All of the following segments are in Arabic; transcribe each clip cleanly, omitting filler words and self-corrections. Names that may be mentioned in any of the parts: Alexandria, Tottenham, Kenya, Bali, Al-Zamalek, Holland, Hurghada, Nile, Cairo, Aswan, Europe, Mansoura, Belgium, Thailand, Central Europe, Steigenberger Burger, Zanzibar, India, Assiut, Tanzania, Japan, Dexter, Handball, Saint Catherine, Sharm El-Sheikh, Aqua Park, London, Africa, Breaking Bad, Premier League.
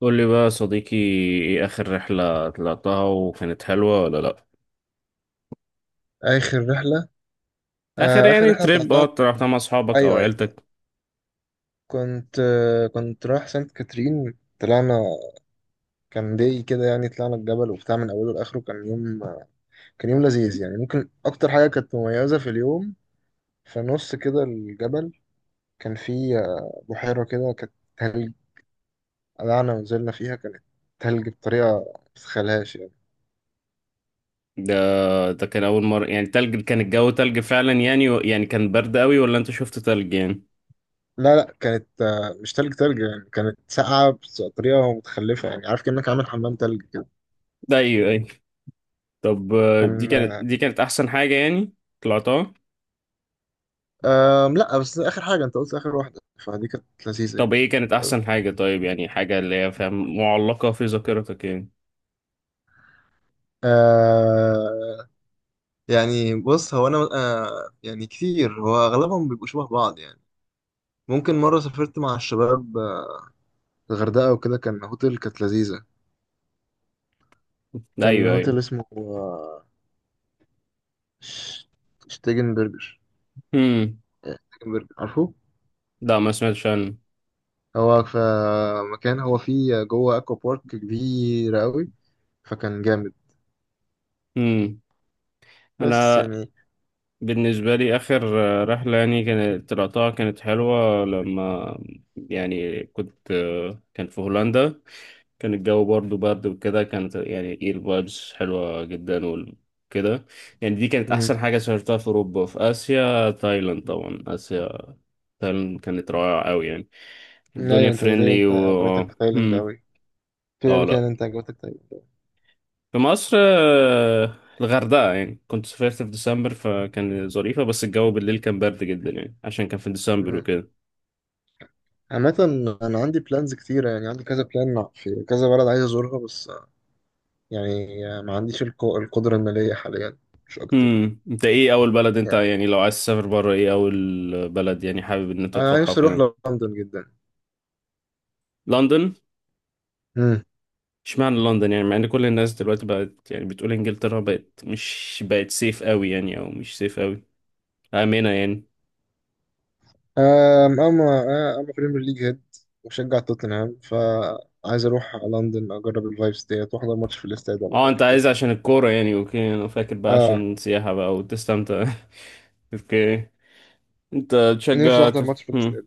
قول لي بقى يا صديقي، ايه اخر رحلة طلعتها؟ وكانت حلوة ولا لا؟ آخر رحلة. اخر آخر يعني رحلة تريب، طلعتها. طلعتها مع اصحابك او أيوة أيوة. عيلتك؟ كنت كنت رايح سانت كاترين. طلعنا. كان داي كده يعني طلعنا الجبل وبتاع من أوله لآخره، كان يوم، كان يوم لذيذ. يعني ممكن أكتر حاجة كانت مميزة في اليوم، في نص كده الجبل، كان في بحيرة كده كانت تلج، قلعنا ونزلنا فيها، كانت تلج بطريقة متتخيلهاش يعني. ده ده كان اول مرة يعني تلج؟ كان الجو تلج فعلا يعني يعني كان برد قوي ولا انت شفت تلج يعني؟ لا لا، كانت مش تلج تلج يعني، كانت ساقعة بطريقة متخلفة يعني، عارف كأنك عامل حمام تلج كده. ده ايوه ايوه. طب دي كان كانت دي كانت احسن حاجة يعني طلعتها؟ أم لا، بس آخر حاجة أنت قلت آخر واحدة، فدي كانت لذيذة. طب ايه كانت يعني، احسن حاجة طيب، يعني حاجة اللي هي فاهم معلقة في ذاكرتك يعني؟ آه، يعني بص، هو أنا يعني كتير، هو أغلبهم بيبقوا شبه بعض يعني. ممكن مرة سافرت مع الشباب، الغردقة وكده، كان هوتيل كانت لذيذة. ده كان ايوه هوتيل ايوه. اسمه ش- شتيجن برجر. امم شتيجن برجر، عارفه؟ لا، ما سمعتش عنه. هو في مكان، هو فيه جوه أكوا بارك كبيرة قوي، فكان جامد امم بس انا يعني. بالنسبة لي آخر رحلة يعني كانت طلعتها كانت حلوة، لما يعني كنت كان في هولندا، كان الجو برضو برد وكده، كانت يعني ايه الفايبس حلوة جدا وكده. يعني دي كانت مم. أحسن حاجة سافرتها في أوروبا. في آسيا تايلاند، طبعا آسيا تايلاند كانت رائعة أوي يعني، الدنيا لا، أنت قلت لي فريندلي. أنت و عجبتك في تايلاند هم. أوي، في اه ذلك كان لا، انت عجبتك طيب. في مصر الغردقة، يعني كنت سافرت في ديسمبر، فكان ظريفة، بس الجو بالليل كان برد جدا يعني، عشان كان في ديسمبر مم. وكده. عامة انا عندي بلانز كتيرة، يعني عندي كذا بلان في كذا بلد عايز ازورها، بس يعني ما عنديش القدرة المالية حاليا، مش اكتر. انت ايه اول بلد انت يعني يعني لو عايز تسافر بره، ايه اول بلد يعني حابب ان انت انا تروحها نفسي اروح وكده؟ لندن جدا. لندن. مم. اشمعنى لندن يعني، مع ان كل الناس دلوقتي بقت يعني بتقول انجلترا بقت مش بقت سيف قوي يعني، او مش سيف قوي امنه يعني؟ آم، اما بريمير ليج هيد وشجع توتنهام، فعايز اروح لندن اجرب الفايبس ديت واحضر ماتش في الاستاد ولا اه، انت حاجة، عايز بس. عشان الكوره يعني. اوكي، انا فاكر بقى اه. عشان سياحه بقى وتستمتع. اوكي، انت نفسي تشجع احضر ماتش في هم. الاستاد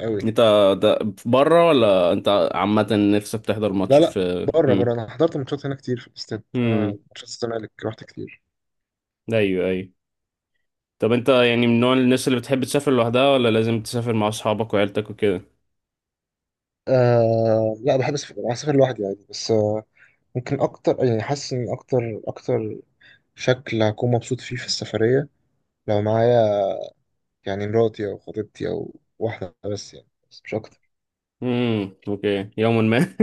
قوي. انت ده بره ولا انت عامه نفسك تحضر ماتش لا لا، في بره بره، هم.؟ انا حضرت ماتشات هنا كتير في الاستاد، هم. ماتشات الزمالك رحت كتير. ايوه ايوه. طب انت يعني من نوع الناس اللي بتحب تسافر لوحدها ولا لازم تسافر مع اصحابك وعيلتك وكده؟ آه لا، بحب اسافر، بحب اسافر لوحدي يعني، بس آه ممكن اكتر، يعني حاسس ان اكتر اكتر شكل هكون مبسوط فيه في السفريه، لو معايا يعني مراتي او خطيبتي او واحده بس يعني، بس مش اكتر. اوكي، يوما ما.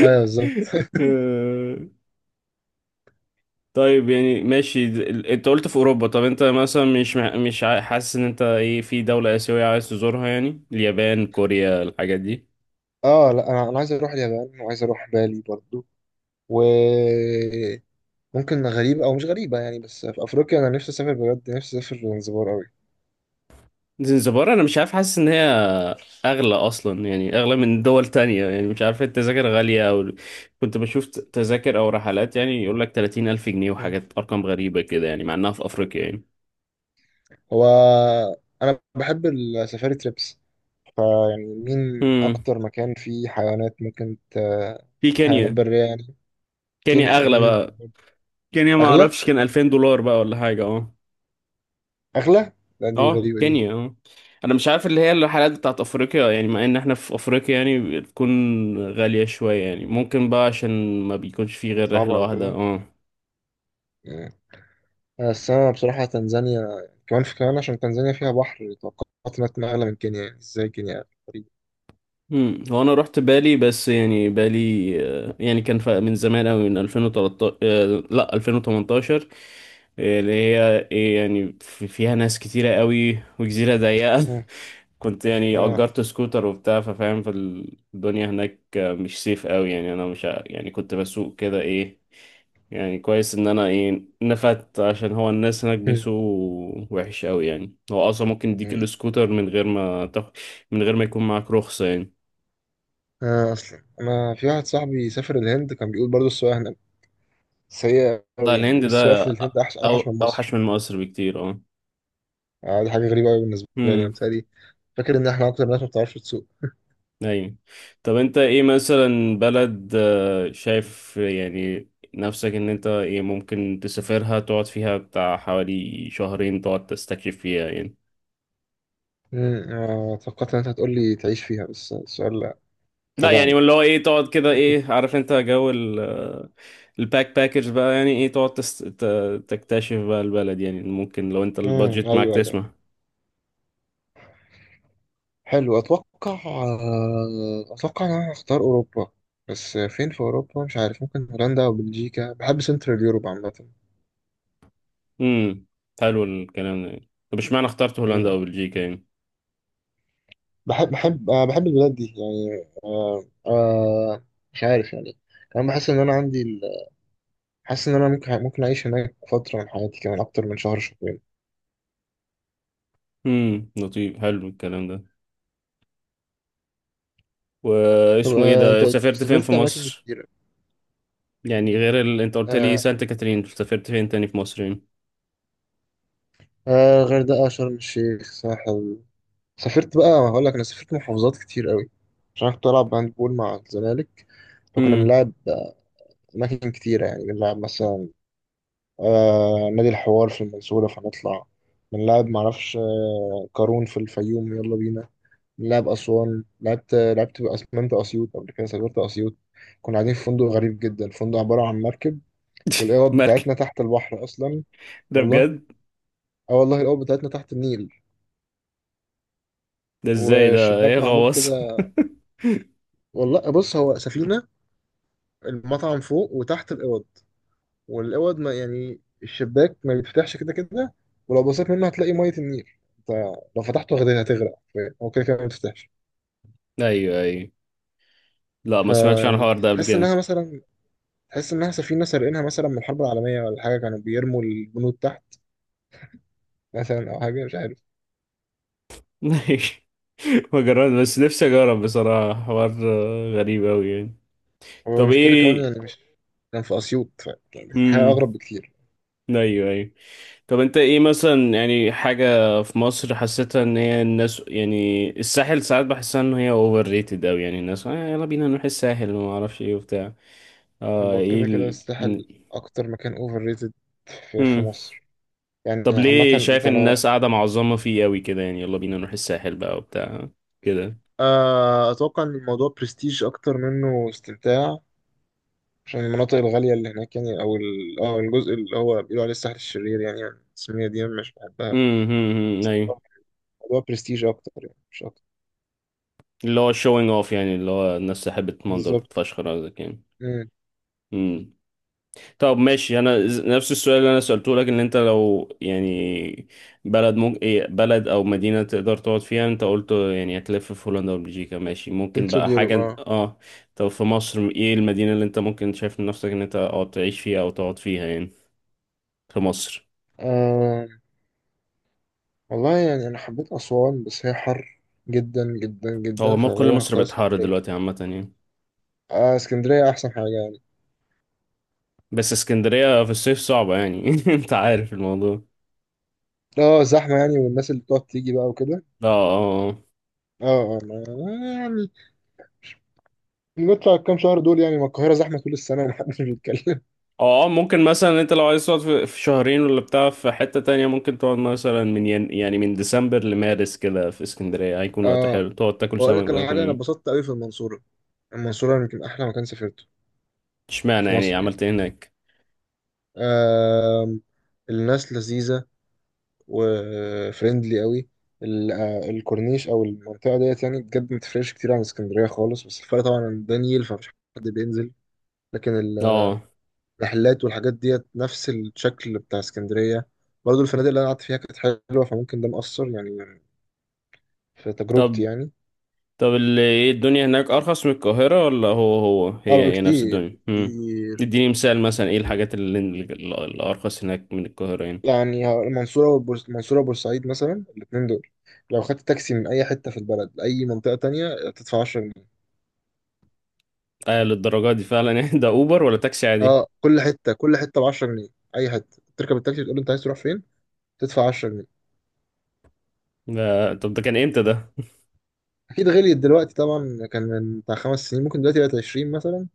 ايوه بالظبط. آه، طيب يعني ماشي، انت قلت في اوروبا، طب انت مثلا مش مع- مش عا- حاسس ان انت ايه في دولة اسيوية عايز تزورها يعني، اليابان كوريا الحاجات دي؟ اه لا، انا عايز اروح اليابان وعايز اروح بالي برضو. وممكن غريبه او مش غريبه يعني، بس في افريقيا انا نفسي اسافر بجد، نفسي اسافر زنزبار قوي. زنزبار انا مش عارف، حاسس ان هي اغلى اصلا يعني، اغلى من دول تانية يعني، مش عارف التذاكر غالية او، كنت بشوف تذاكر او رحلات يعني، يقول لك 30 الف جنيه وحاجات ارقام غريبة كده يعني، مع انها في افريقيا يعني. هو انا بحب السفاري تريبس، فيعني مين امم أكتر مكان فيه حيوانات ممكن ت... في حيوانات كينيا. برية يعني. كينيا كينيا؟ اغلى مم. بقى. كينيا ما أغلى، اعرفش، كان 2000 دولار بقى ولا حاجة اه. أغلى. لا دي اه غريبة دي، كينيا اه، انا مش عارف اللي هي الرحلات بتاعت افريقيا يعني، مع ان احنا في افريقيا يعني بتكون غالية شوية يعني، ممكن بقى عشان ما بيكونش في غير صعبة رحلة أو واحدة كده. اه. مم. بس أنا بصراحة تنزانيا كمان، في كمان عشان تنزانيا فيها بحر، توقعت إنها تكون أغلى من كينيا يعني، إزاي كينيا أغلى؟ غريبة. هو انا رحت بالي، بس يعني بالي يعني كان من زمان قوي، من 2013 لا 2018، اللي هي إيه يعني فيها ناس كتيرة قوي، وجزيرة ضيقة. مم. كنت يعني آه. أجرت سكوتر وبتاع، ففاهم في الدنيا هناك مش سيف قوي يعني، انا مش ع- يعني كنت بسوق كده ايه، يعني كويس ان انا ايه نفدت، عشان هو الناس هناك مم. بيسوقوا وحش قوي يعني، هو اصلا ممكن يديك مم. السكوتر من غير ما تاخد، من غير ما يكون معاك رخصة يعني. آه أصلا أنا في واحد صاحبي سافر الهند، كان بيقول برضه السواقة هناك سيئة لا أوي يعني، الهند بيقول السواقة ده في الهند أحس أوحش أو من أوحش مصر. من مصر بكتير اه. آه دي حاجة غريبة أوي بالنسبة لي يعني، امم مثالي فاكر إن إحنا أكتر ناس ما بتعرفش تسوق. أيوة. طب أنت إيه مثلا بلد شايف يعني نفسك إن أنت إيه ممكن تسافرها، تقعد فيها بتاع حوالي شهرين تقعد تستكشف فيها يعني؟ امم، توقعت ان انت هتقول لي تعيش فيها، بس السؤال لا يعني خدعني. اللي هو إيه، تقعد كده إيه، عارف أنت جو ال آه، الباك باكرز بقى يعني، إيه تقعد تكتشف بقى البلد يعني، ممكن لو أنت البادجت معاك ايوه ايوه. تسمح. حلو، اتوقع اتوقع ان انا هختار اوروبا، بس فين في اوروبا مش عارف، ممكن هولندا او بلجيكا، بحب سنترال يوروب عامه. امم، حلو الكلام ده يعني. طب اشمعنى اخترت هولندا امم. أو بلجيكا يعني؟ بحب البلاد دي يعني، مش عارف يعني. كمان بحس ان انا حاسس ان انا ممكن، ممكن اعيش هناك فتره من حياتي، كمان اكتر من شهر شهرين. امم، لطيف، حلو الكلام ده. طب واسمه ايه انت ده، سافرت فين في سافرت اماكن مصر؟ كتيره. يعني غير انت قلت لي آه. سانت كاترين، سافرت فين تاني في مصر يعني؟ آه غردقة، شرم الشيخ، ساحل، سافرت بقى هقول لك، انا سافرت محافظات كتير قوي عشان أنا كنت بلعب هاند بول مع الزمالك، فكنا امم. بنلعب اماكن كتيره يعني، بنلعب مثلا نادي الحوار في المنصوره، فنطلع بنلعب معرفش آه قارون في الفيوم، يلا بينا بنلعب اسوان، لعبت اسمنت اسيوط، قبل كده سافرت اسيوط، كنا قاعدين في فندق غريب جدا، الفندق عباره عن مركب، والاوض مركب؟ بتاعتنا تحت البحر اصلا. ده والله، بجد؟ اه والله الاوض بتاعتنا تحت النيل، ده ازاي ده ايه، والشباك معمول غواص؟ كده. والله بص هو سفينه، المطعم فوق وتحت الأوض، والأوض ما يعني الشباك ما بيتفتحش كده كده، ولو بصيت منه هتلاقي مية النيل، انت لو فتحته هتغرق حرفياً. هو كده كده ما بيتفتحش. ايوه ايوه. لا ما سمعتش عن فيعني الحوار ده قبل تحس كده. انها مثلا، تحس انها سفينة سارقينها مثلا من الحرب العالمية ولا حاجة، كانوا بيرموا البنود تحت مثلا، او حاجة مش عارف. ما جربت، بس نفسي اجرب بصراحة، حوار غريب اوي يعني. هو طب المشكلة كمان ايه. يعني مش، كان في أسيوط يعني كانت حاجة امم، أغرب بكتير. ايوه ايوه. طب انت ايه مثلا يعني حاجة في مصر حسيتها ان هي، الناس يعني الساحل ساعات بحسها ان هي اوفر ريتد اوي يعني، الناس آه يلا بينا نروح الساحل وما اعرفش ايه وبتاع، اه هو ايه كده كده الساحل أكتر مكان أوفر ريتد في في هم. مصر طب يعني. عامة ليه شايف أنت ان لو الناس قاعدة معظمة فيه اوي كده يعني، يلا بينا نروح الساحل بقى وبتاع كده. أتوقع إن الموضوع برستيج أكتر منه استمتاع، عشان المناطق الغالية اللي هناك يعني، أو ال... أو الجزء اللي هو بيقولوا عليه الساحل الشرير يعني، يعني التسمية دي مش هم، بحبها، هم، هم، بس ايوه. الموضوع برستيج أكتر يعني، مش أكتر. اللي هو showing off يعني، اللي هو الناس تحب تمنظر بالظبط. تفشخر قصدك مم. يعني. طب ماشي، نفس السؤال اللي انا سألته لك، ان انت لو يعني بلد، ممكن إيه بلد او مدينة تقدر تقعد فيها، انت قلت يعني هتلف في هولندا وبلجيكا، ماشي ممكن سنترال بقى يوروب حاجة أه. اه. طب في مصر، ايه المدينة اللي انت ممكن شايف من نفسك ان انت اه تعيش فيها او تقعد فيها يعني، في مصر؟ آه، والله يعني أنا حبيت أسوان، بس هي حر جدا جدا هو جدا، ما كل فغالبا مصر هختار بقت حر اسكندرية. دلوقتي عامة يعني. آه اسكندرية أحسن حاجة يعني. بس اسكندرية في الصيف صعبة يعني. انت عارف الموضوع. اه زحمة يعني، والناس اللي بتقعد تيجي بقى وكده. اه اه آه. اه اه، يعني نطلع الكام شهر دول يعني، ما القاهرة زحمة طول السنة ومحدش بيتكلم. اه ممكن مثلا انت لو عايز تقعد في شهرين ولا بتاع في حتة تانية، ممكن تقعد مثلا يعني من ديسمبر لمارس كده في اسكندرية، هيكون وقت اه. حلو تقعد تاكل بقول سمك لك بقى على كل حاجة، أنا يوم. اتبسطت قوي في المنصورة، المنصورة يمكن أحلى مكان سافرته اشمعنى في يعني، مصر يعني. عملت ايه هناك؟ آه الناس لذيذة وفريندلي قوي. الكورنيش أو المنطقة ديت يعني بجد ما تفرقش كتير عن اسكندرية خالص، بس الفرق طبعا إن ده نيل، فمفيش حد بينزل، لكن اه. المحلات والحاجات ديت نفس الشكل بتاع اسكندرية. برضه الفنادق اللي أنا قعدت فيها كانت حلوة، فممكن ده مأثر يعني في تجربتي طب، يعني. طب ايه الدنيا هناك ارخص من القاهرة، ولا هو اه هي نفس بكتير، الدنيا؟ امم. بكتير. اديني مثال، مثلا ايه بكتير. الحاجات الارخص هناك من القاهرة يعني؟ يعني المنصورة وبورسعيد مثلا، الاتنين دول لو خدت تاكسي من أي حتة في البلد لأي منطقة تانية تدفع 10 جنيه. اه للدرجة دي فعلا يعني. ده اوبر ولا تاكسي عادي؟ اه، كل حتة ب 10 جنيه، أي حتة تركب التاكسي تقول له أنت عايز تروح فين، تدفع 10 جنيه. ده طب ده كان امتى ده؟ أكيد غليت دلوقتي طبعا، كان من بتاع 5 سنين، ممكن دلوقتي بقت 20 مثلا.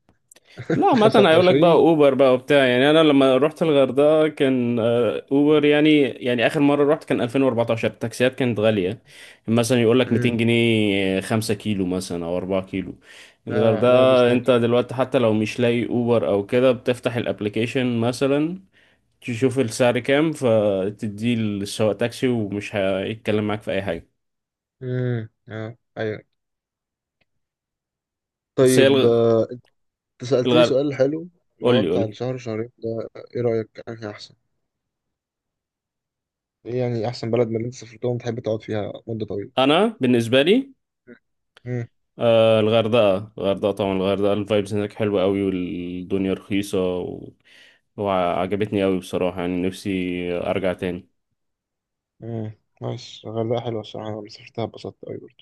لا عامة هيقول لك بقى 25. اوبر بقى وبتاع يعني، انا لما رحت الغردقة كان اوبر يعني، يعني اخر مرة رحت كان 2014، التاكسيات كانت غالية، مثلا يقول لك 200 امم. جنيه 5 كيلو مثلا او 4 كيلو. اه ده الغردقة بيستهبل. انت دلوقتي حتى لو مش لاقي اوبر او كده، بتفتح الابليكيشن مثلا تشوف السعر كام، فتديه للسواق تاكسي ومش هيتكلم معاك في اي حاجة. اه أيوه. بس هي طيب الغ- أنت سألتني الغر سؤال حلو، اللي قول هو لي قول بتاع لي. الشهر شهرين ده، إيه رأيك أنهي أحسن؟ ايه يعني احسن بلد من اللي انت سافرتهم تحب تقعد فيها مدة طويلة؟ انا بالنسبة لي امم. آه الغردقة، الغردقة طبعا. الغردقة الفايبز هناك حلوة قوي، والدنيا رخيصة وعجبتني قوي بصراحة، يعني نفسي أرجع تاني. امم ماشي، الغردقة حلوة الصراحة، انا لما سافرتها اتبسطت قوي.